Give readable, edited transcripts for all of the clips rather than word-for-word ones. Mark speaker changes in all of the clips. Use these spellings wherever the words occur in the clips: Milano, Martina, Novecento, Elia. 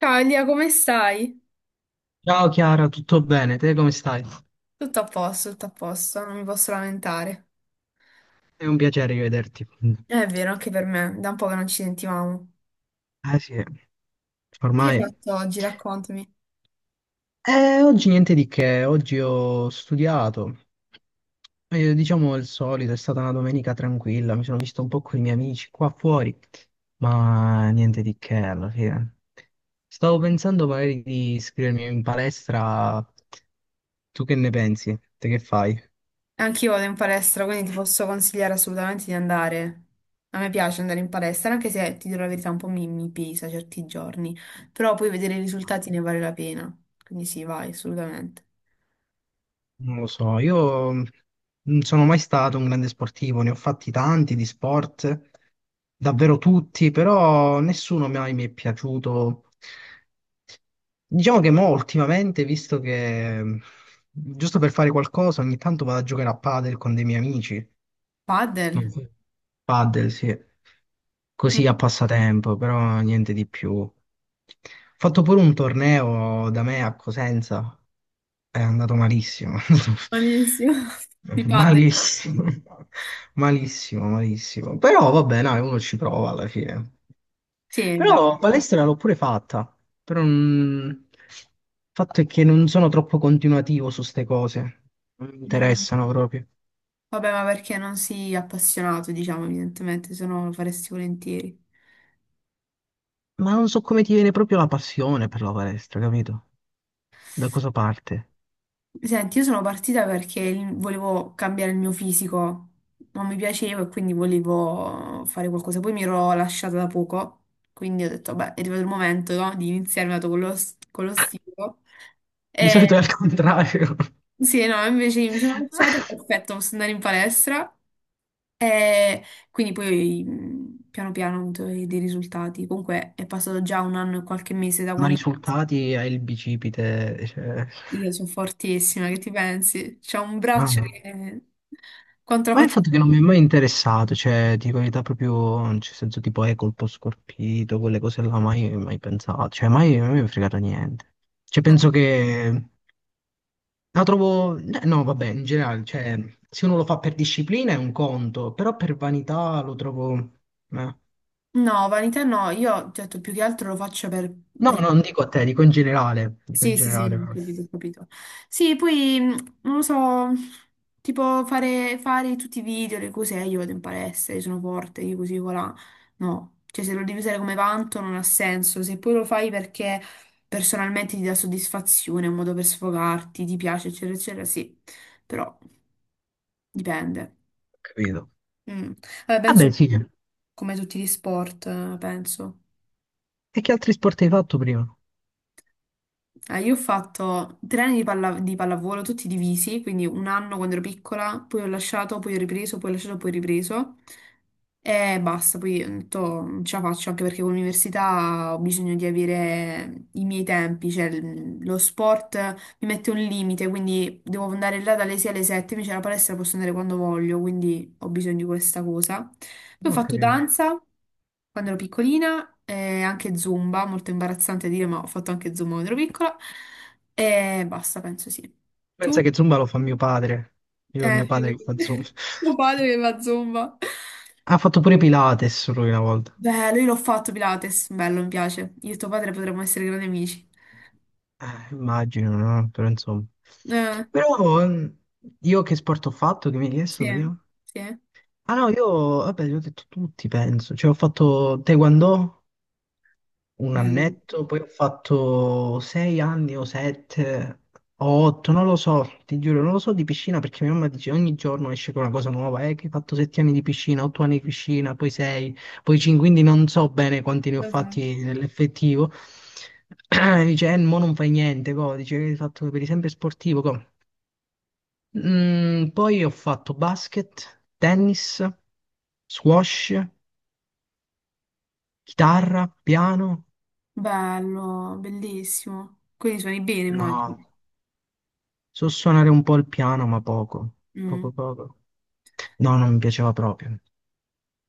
Speaker 1: Ciao Elia, come stai?
Speaker 2: Ciao Chiara, tutto bene? Te come stai?
Speaker 1: Tutto a posto, non mi posso lamentare.
Speaker 2: È un piacere rivederti.
Speaker 1: È vero, anche per me, da un po' che non ci sentivamo.
Speaker 2: Eh sì,
Speaker 1: Che hai
Speaker 2: ormai.
Speaker 1: fatto oggi? Raccontami.
Speaker 2: Oggi niente di che, oggi ho studiato. Diciamo il solito, è stata una domenica tranquilla, mi sono visto un po' con i miei amici qua fuori, ma niente di che alla fine. Stavo pensando magari di iscrivermi in palestra. Tu che ne pensi? Te che fai?
Speaker 1: Anch'io vado in palestra, quindi ti posso consigliare assolutamente di andare. A me piace andare in palestra, anche se ti dirò la verità, un po' mi pesa certi giorni, però poi vedere i risultati ne vale la pena. Quindi sì, vai, assolutamente.
Speaker 2: Non lo so, io non sono mai stato un grande sportivo, ne ho fatti tanti di sport, davvero tutti, però nessuno mai mi è piaciuto. Diciamo che mo ultimamente, visto che giusto per fare qualcosa, ogni tanto vado a giocare a padel con dei miei amici non
Speaker 1: Padel?
Speaker 2: so, padel, sì. Così a
Speaker 1: Mm.
Speaker 2: passatempo, però niente di più. Ho fatto pure un torneo da me a Cosenza. È andato malissimo.
Speaker 1: Buonissimo. Di padel.
Speaker 2: Malissimo. Malissimo, malissimo. Però vabbè, dai, uno ci prova alla fine.
Speaker 1: Sì,
Speaker 2: Però
Speaker 1: dai.
Speaker 2: palestra l'ho pure fatta. Però il fatto è che non sono troppo continuativo su ste cose. Non mi
Speaker 1: Mm.
Speaker 2: interessano proprio.
Speaker 1: Vabbè, ma perché non sei appassionato, diciamo, evidentemente, se no lo faresti volentieri.
Speaker 2: Ma non so come ti viene proprio la passione per la palestra, capito? Da cosa parte?
Speaker 1: Senti, io sono partita perché volevo cambiare il mio fisico, non mi piaceva e quindi volevo fare qualcosa. Poi mi ero lasciata da poco, quindi ho detto, beh, è arrivato il momento, no, di iniziare dato con con lo stilo.
Speaker 2: Di solito è
Speaker 1: E
Speaker 2: al contrario.
Speaker 1: sì, no, invece mi sono lasciata, perfetto, posso andare in palestra. E quindi poi piano piano ho avuto dei risultati. Comunque è passato già un anno e qualche mese da
Speaker 2: Ma
Speaker 1: quando.
Speaker 2: risultati hai il bicipite, cioè...
Speaker 1: Io sono fortissima, che ti pensi? C'ho un braccio
Speaker 2: ah.
Speaker 1: che... Quanto lo
Speaker 2: Ma il
Speaker 1: faccio?
Speaker 2: fatto che non mi è mai interessato, cioè, dico la verità proprio, nel senso tipo, colpo scorpito, quelle cose là, mai, mai pensato, cioè, mai, mai mi è fregato niente. Cioè,
Speaker 1: Eh.
Speaker 2: penso che la trovo, no, vabbè, in generale, cioè, se uno lo fa per disciplina è un conto, però per vanità lo trovo... eh.
Speaker 1: No, vanità no, io ti ho detto più che altro lo faccio per...
Speaker 2: No, no,
Speaker 1: per-
Speaker 2: non dico a te, dico in generale. Dico in
Speaker 1: Sì, sì, sì,
Speaker 2: generale,
Speaker 1: non ho
Speaker 2: proprio.
Speaker 1: capito, ho capito. Sì, poi, non lo so, tipo fare tutti i video, le cose, io vado in palestra, io sono forte, io così, voilà. No, cioè se lo devi usare come vanto non ha senso, se poi lo fai perché personalmente ti dà soddisfazione, è un modo per sfogarti, ti piace, eccetera, eccetera, sì, però dipende.
Speaker 2: Ho capito.
Speaker 1: Mm. Vabbè, penso
Speaker 2: Vabbè, sì.
Speaker 1: come tutti gli sport, penso.
Speaker 2: E che altri sport hai fatto prima?
Speaker 1: Ah, io ho fatto tre anni di, di pallavolo, tutti divisi, quindi un anno quando ero piccola, poi ho lasciato, poi ho ripreso, poi ho lasciato, poi ho ripreso. E basta, poi ho detto, non ce la faccio anche perché con l'università ho bisogno di avere i miei tempi, cioè lo sport mi mette un limite, quindi devo andare là dalle 6 alle 7, invece la palestra posso andare quando voglio, quindi ho bisogno di questa cosa. Poi ho
Speaker 2: Non ho
Speaker 1: fatto
Speaker 2: capito.
Speaker 1: danza. Quando ero piccolina, anche Zumba, molto imbarazzante dire, ma ho fatto anche Zumba quando ero piccola. E basta, penso sì.
Speaker 2: Pensa
Speaker 1: Tu?
Speaker 2: che Zumba lo fa mio padre. Io ho
Speaker 1: Eh,
Speaker 2: mio padre che fa Zumba.
Speaker 1: tuo padre che fa Zumba.
Speaker 2: Ha fatto pure Pilates lui una volta.
Speaker 1: Beh, lui l'ho fatto Pilates, bello, mi piace. Io e tuo padre potremmo essere grandi amici.
Speaker 2: Immagino, no? Però insomma.
Speaker 1: Eh,
Speaker 2: Però io che sport ho fatto che mi hai
Speaker 1: sì,
Speaker 2: chiesto prima?
Speaker 1: sì,
Speaker 2: Ah no, io, vabbè, li ho detto tutti, penso. Cioè, ho fatto Taekwondo, un
Speaker 1: bello.
Speaker 2: annetto, poi ho fatto 6 anni o sette o otto, non lo so, ti giuro, non lo so di piscina perché mia mamma dice ogni giorno esce con una cosa nuova, che hai fatto 7 anni di piscina, 8 anni di piscina, poi sei, poi cinque, quindi non so bene quanti ne ho
Speaker 1: Lo sai.
Speaker 2: fatti nell'effettivo. Dice, mo non fai niente, co. Dice che hai fatto per esempio sportivo, co. Poi ho fatto basket, tennis, squash, chitarra, piano.
Speaker 1: Bello, bellissimo. Quindi suoni bene, immagino.
Speaker 2: No. So suonare un po' il piano, ma poco,
Speaker 1: Mm.
Speaker 2: poco poco. No, non mi piaceva proprio.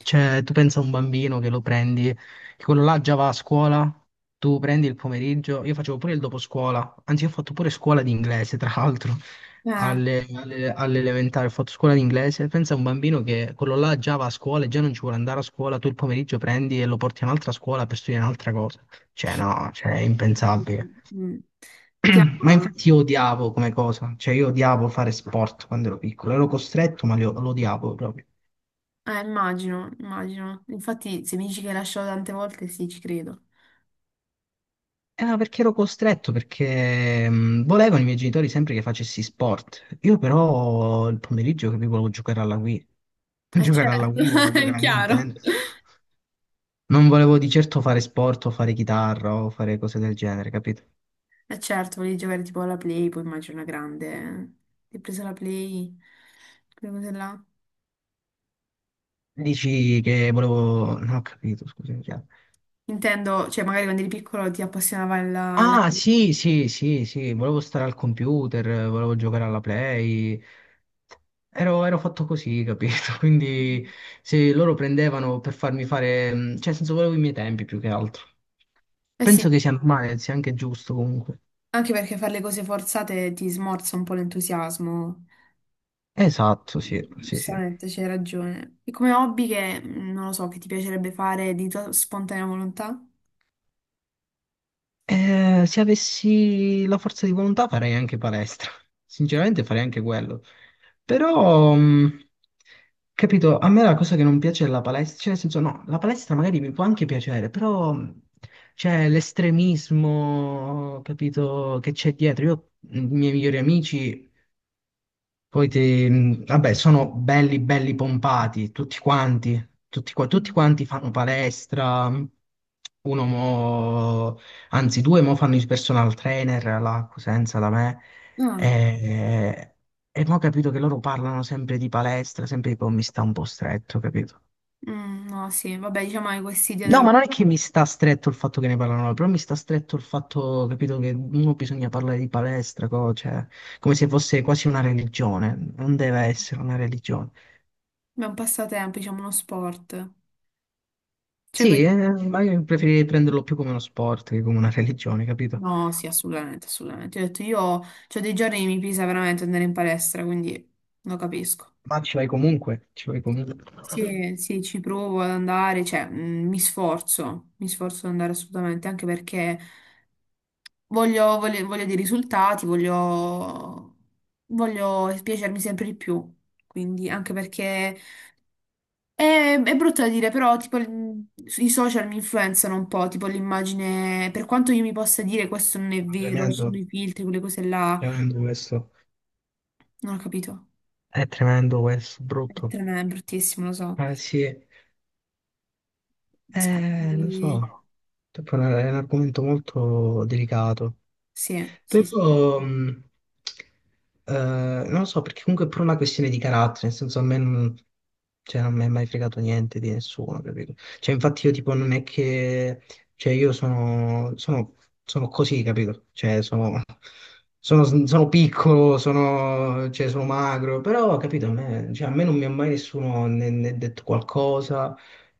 Speaker 2: Cioè, tu pensa a un bambino che lo prendi, che quello là già va a scuola, tu prendi il pomeriggio, io facevo pure il dopo scuola, anzi ho fatto pure scuola di inglese, tra l'altro,
Speaker 1: Eh,
Speaker 2: all'elementare ho fatto scuola di inglese, pensa a un bambino che quello là già va a scuola e già non ci vuole andare a scuola, tu il pomeriggio prendi e lo porti a un'altra scuola per studiare un'altra cosa. Cioè, no, cioè, è impensabile.
Speaker 1: mm. Ti
Speaker 2: Ma
Speaker 1: amo.
Speaker 2: infatti io odiavo come cosa, cioè io odiavo fare sport quando ero piccolo, ero costretto ma lo odiavo proprio.
Speaker 1: Immagino, immagino. Infatti, se mi dici che hai lasciato tante volte, sì, ci credo.
Speaker 2: Ma perché ero costretto? Perché volevano i miei genitori sempre che facessi sport. Io però il pomeriggio capivo volevo giocare alla Wii,
Speaker 1: Eh
Speaker 2: giocare alla
Speaker 1: certo,
Speaker 2: Wii, volevo
Speaker 1: è
Speaker 2: giocare a
Speaker 1: chiaro.
Speaker 2: Nintendo. Non volevo di certo fare sport o fare chitarra o fare cose del genere, capito?
Speaker 1: Eh certo, volevi giocare tipo alla Play, poi immagino una grande. Eh. Ti hai preso la Play, quelle cose là.
Speaker 2: Dici che volevo... No, ho capito, scusa.
Speaker 1: Intendo, cioè magari quando eri piccolo ti appassionava la...
Speaker 2: Ah, sì, sì, sì, sì, volevo stare al computer, volevo giocare alla Play. Ero fatto così, capito? Quindi se loro prendevano per farmi fare, cioè, nel senso, volevo i miei tempi più che altro.
Speaker 1: Eh
Speaker 2: Penso
Speaker 1: sì,
Speaker 2: che sia normale, sia anche giusto comunque.
Speaker 1: anche perché fare le cose forzate ti smorza un po' l'entusiasmo.
Speaker 2: Esatto, sì, sì, sì.
Speaker 1: Giustamente, c'hai ragione. E come hobby che, non lo so, che ti piacerebbe fare di tua spontanea volontà?
Speaker 2: Se avessi la forza di volontà farei anche palestra. Sinceramente farei anche quello. Però, capito, a me la cosa che non piace della palestra, cioè nel senso no, la palestra magari mi può anche piacere, però c'è l'estremismo, capito, che c'è dietro. Io, i miei migliori amici poi ti, vabbè, sono belli, belli pompati, tutti quanti, tutti
Speaker 1: Mm.
Speaker 2: quanti fanno palestra, uno mo, anzi due mo fanno il personal trainer alla Cosenza da me,
Speaker 1: Ah.
Speaker 2: e, e mo ho capito che loro parlano sempre di palestra, sempre di, "Oh, mi sta un po' stretto, capito?
Speaker 1: Mm, no, sì, vabbè, diciamo che questa idea
Speaker 2: No, ma
Speaker 1: della...
Speaker 2: non è che mi sta stretto il fatto che ne parlano loro, però mi sta stretto il fatto, capito, che uno bisogna parlare di palestra, cioè, come se fosse quasi una religione, non deve essere una religione.
Speaker 1: è un passatempo, diciamo uno sport. Cioè,
Speaker 2: Sì, ma io preferirei prenderlo più come uno sport che come una religione, capito?
Speaker 1: No, sì, assolutamente, assolutamente. Ho detto, io c'ho dei giorni che mi pesa veramente andare in palestra, quindi lo capisco.
Speaker 2: Ma ci vai comunque, ci vai comunque.
Speaker 1: Sì, sì, ci provo ad andare, cioè, mi sforzo ad andare assolutamente, anche perché voglio dei risultati, voglio, voglio piacermi sempre di più. Quindi, anche perché... è brutto da dire, però tipo i social mi influenzano un po', tipo l'immagine, per quanto io mi possa dire questo non è
Speaker 2: Ma
Speaker 1: vero, ci sono
Speaker 2: tremendo,
Speaker 1: i filtri, quelle cose là,
Speaker 2: tremendo questo.
Speaker 1: non ho capito.
Speaker 2: È tremendo questo,
Speaker 1: È
Speaker 2: brutto.
Speaker 1: tremendo, è bruttissimo, lo so.
Speaker 2: Eh sì, lo
Speaker 1: Quindi,
Speaker 2: so, tipo, è un argomento molto delicato.
Speaker 1: sì, sì, sì. Ha
Speaker 2: Però, non lo so, perché comunque è pure una questione di carattere, nel senso a me non, cioè, non mi è mai fregato niente di nessuno, capito? Cioè, infatti io tipo non è che, cioè io sono, sono, sono, così, capito? Cioè, sono piccolo, sono, cioè, sono magro, però, capito, a me, cioè, a me non mi ha mai nessuno né detto qualcosa,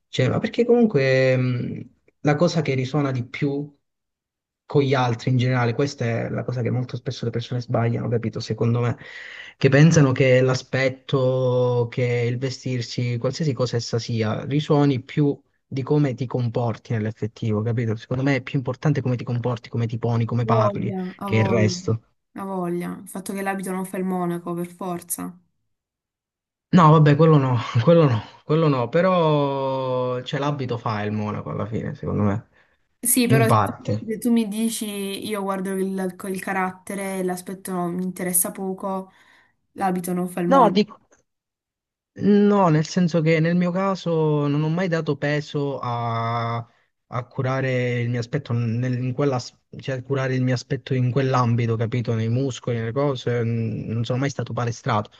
Speaker 2: cioè, ma perché comunque la cosa che risuona di più con gli altri in generale, questa è la cosa che molto spesso le persone sbagliano, capito? Secondo me, che pensano che l'aspetto, che il vestirsi, qualsiasi cosa essa sia, risuoni più di come ti comporti nell'effettivo, capito? Secondo me è più importante come ti comporti, come ti poni, come parli,
Speaker 1: voglia, ha
Speaker 2: che il
Speaker 1: voglia,
Speaker 2: resto.
Speaker 1: ha voglia. Il fatto che l'abito non fa il monaco, per forza.
Speaker 2: No, vabbè, quello no, quello no, però cioè, l'abito fa il monaco alla fine, secondo me,
Speaker 1: Sì,
Speaker 2: in
Speaker 1: però
Speaker 2: parte.
Speaker 1: se tu mi dici io guardo il carattere, l'aspetto mi interessa poco, l'abito non fa il
Speaker 2: No,
Speaker 1: monaco.
Speaker 2: no, nel senso che nel mio caso non ho mai dato peso a, curare il mio aspetto, in quella, cioè a curare il mio aspetto in quell'ambito, capito? Nei muscoli, nelle cose, non sono mai stato palestrato.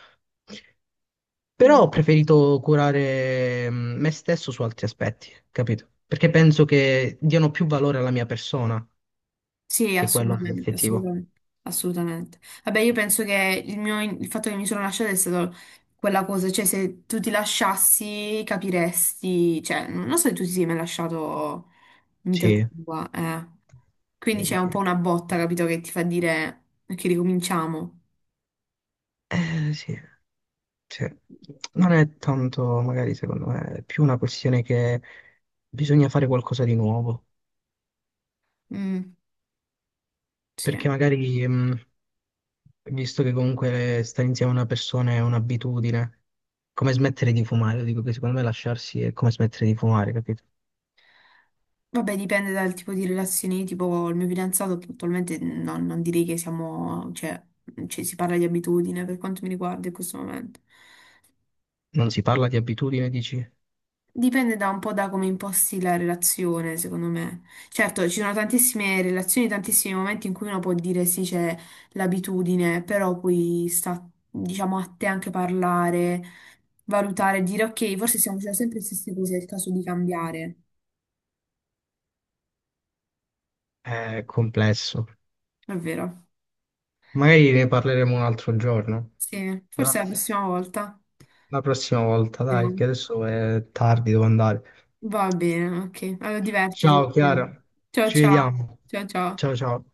Speaker 2: Però
Speaker 1: Mm.
Speaker 2: ho preferito curare me stesso su altri aspetti, capito? Perché penso che diano più valore alla mia persona,
Speaker 1: Sì,
Speaker 2: che quello è
Speaker 1: assolutamente,
Speaker 2: l'effettivo.
Speaker 1: assolutamente, assolutamente. Vabbè, io penso che il fatto che mi sono lasciata è stato quella cosa, cioè se tu ti lasciassi capiresti, cioè non lo so se tu ti sei mai lasciato vita
Speaker 2: Sì,
Speaker 1: tua, eh. Quindi
Speaker 2: direi
Speaker 1: c'è
Speaker 2: di
Speaker 1: un
Speaker 2: sì.
Speaker 1: po' una botta, capito, che ti fa dire che ricominciamo.
Speaker 2: Sì. Cioè, non è tanto, magari secondo me, è più una questione che bisogna fare qualcosa di nuovo,
Speaker 1: Mm, sì.
Speaker 2: perché magari, visto che comunque stare insieme a una persona è un'abitudine, come smettere di fumare, dico che secondo me lasciarsi è come smettere di fumare, capito?
Speaker 1: Vabbè, dipende dal tipo di relazioni, tipo il mio fidanzato attualmente non direi che siamo, cioè, cioè, si parla di abitudine per quanto mi riguarda in questo momento.
Speaker 2: Non si parla di abitudine, dici?
Speaker 1: Dipende da un po' da come imposti la relazione, secondo me. Certo, ci sono tantissime relazioni, tantissimi momenti in cui uno può dire sì, c'è l'abitudine, però poi sta, diciamo, a te anche parlare, valutare, dire ok, forse stiamo facendo sempre le stesse cose, è il caso di cambiare.
Speaker 2: È complesso.
Speaker 1: È vero.
Speaker 2: Magari ne parleremo un altro giorno,
Speaker 1: Sì,
Speaker 2: va?
Speaker 1: forse la prossima volta.
Speaker 2: La prossima volta, dai,
Speaker 1: Vediamo.
Speaker 2: che adesso è tardi, devo andare.
Speaker 1: Va bene, ok. Allora divertiti. Va
Speaker 2: Ciao Chiara,
Speaker 1: bene. Ciao
Speaker 2: ci
Speaker 1: ciao.
Speaker 2: vediamo.
Speaker 1: Ciao ciao.
Speaker 2: Ciao ciao.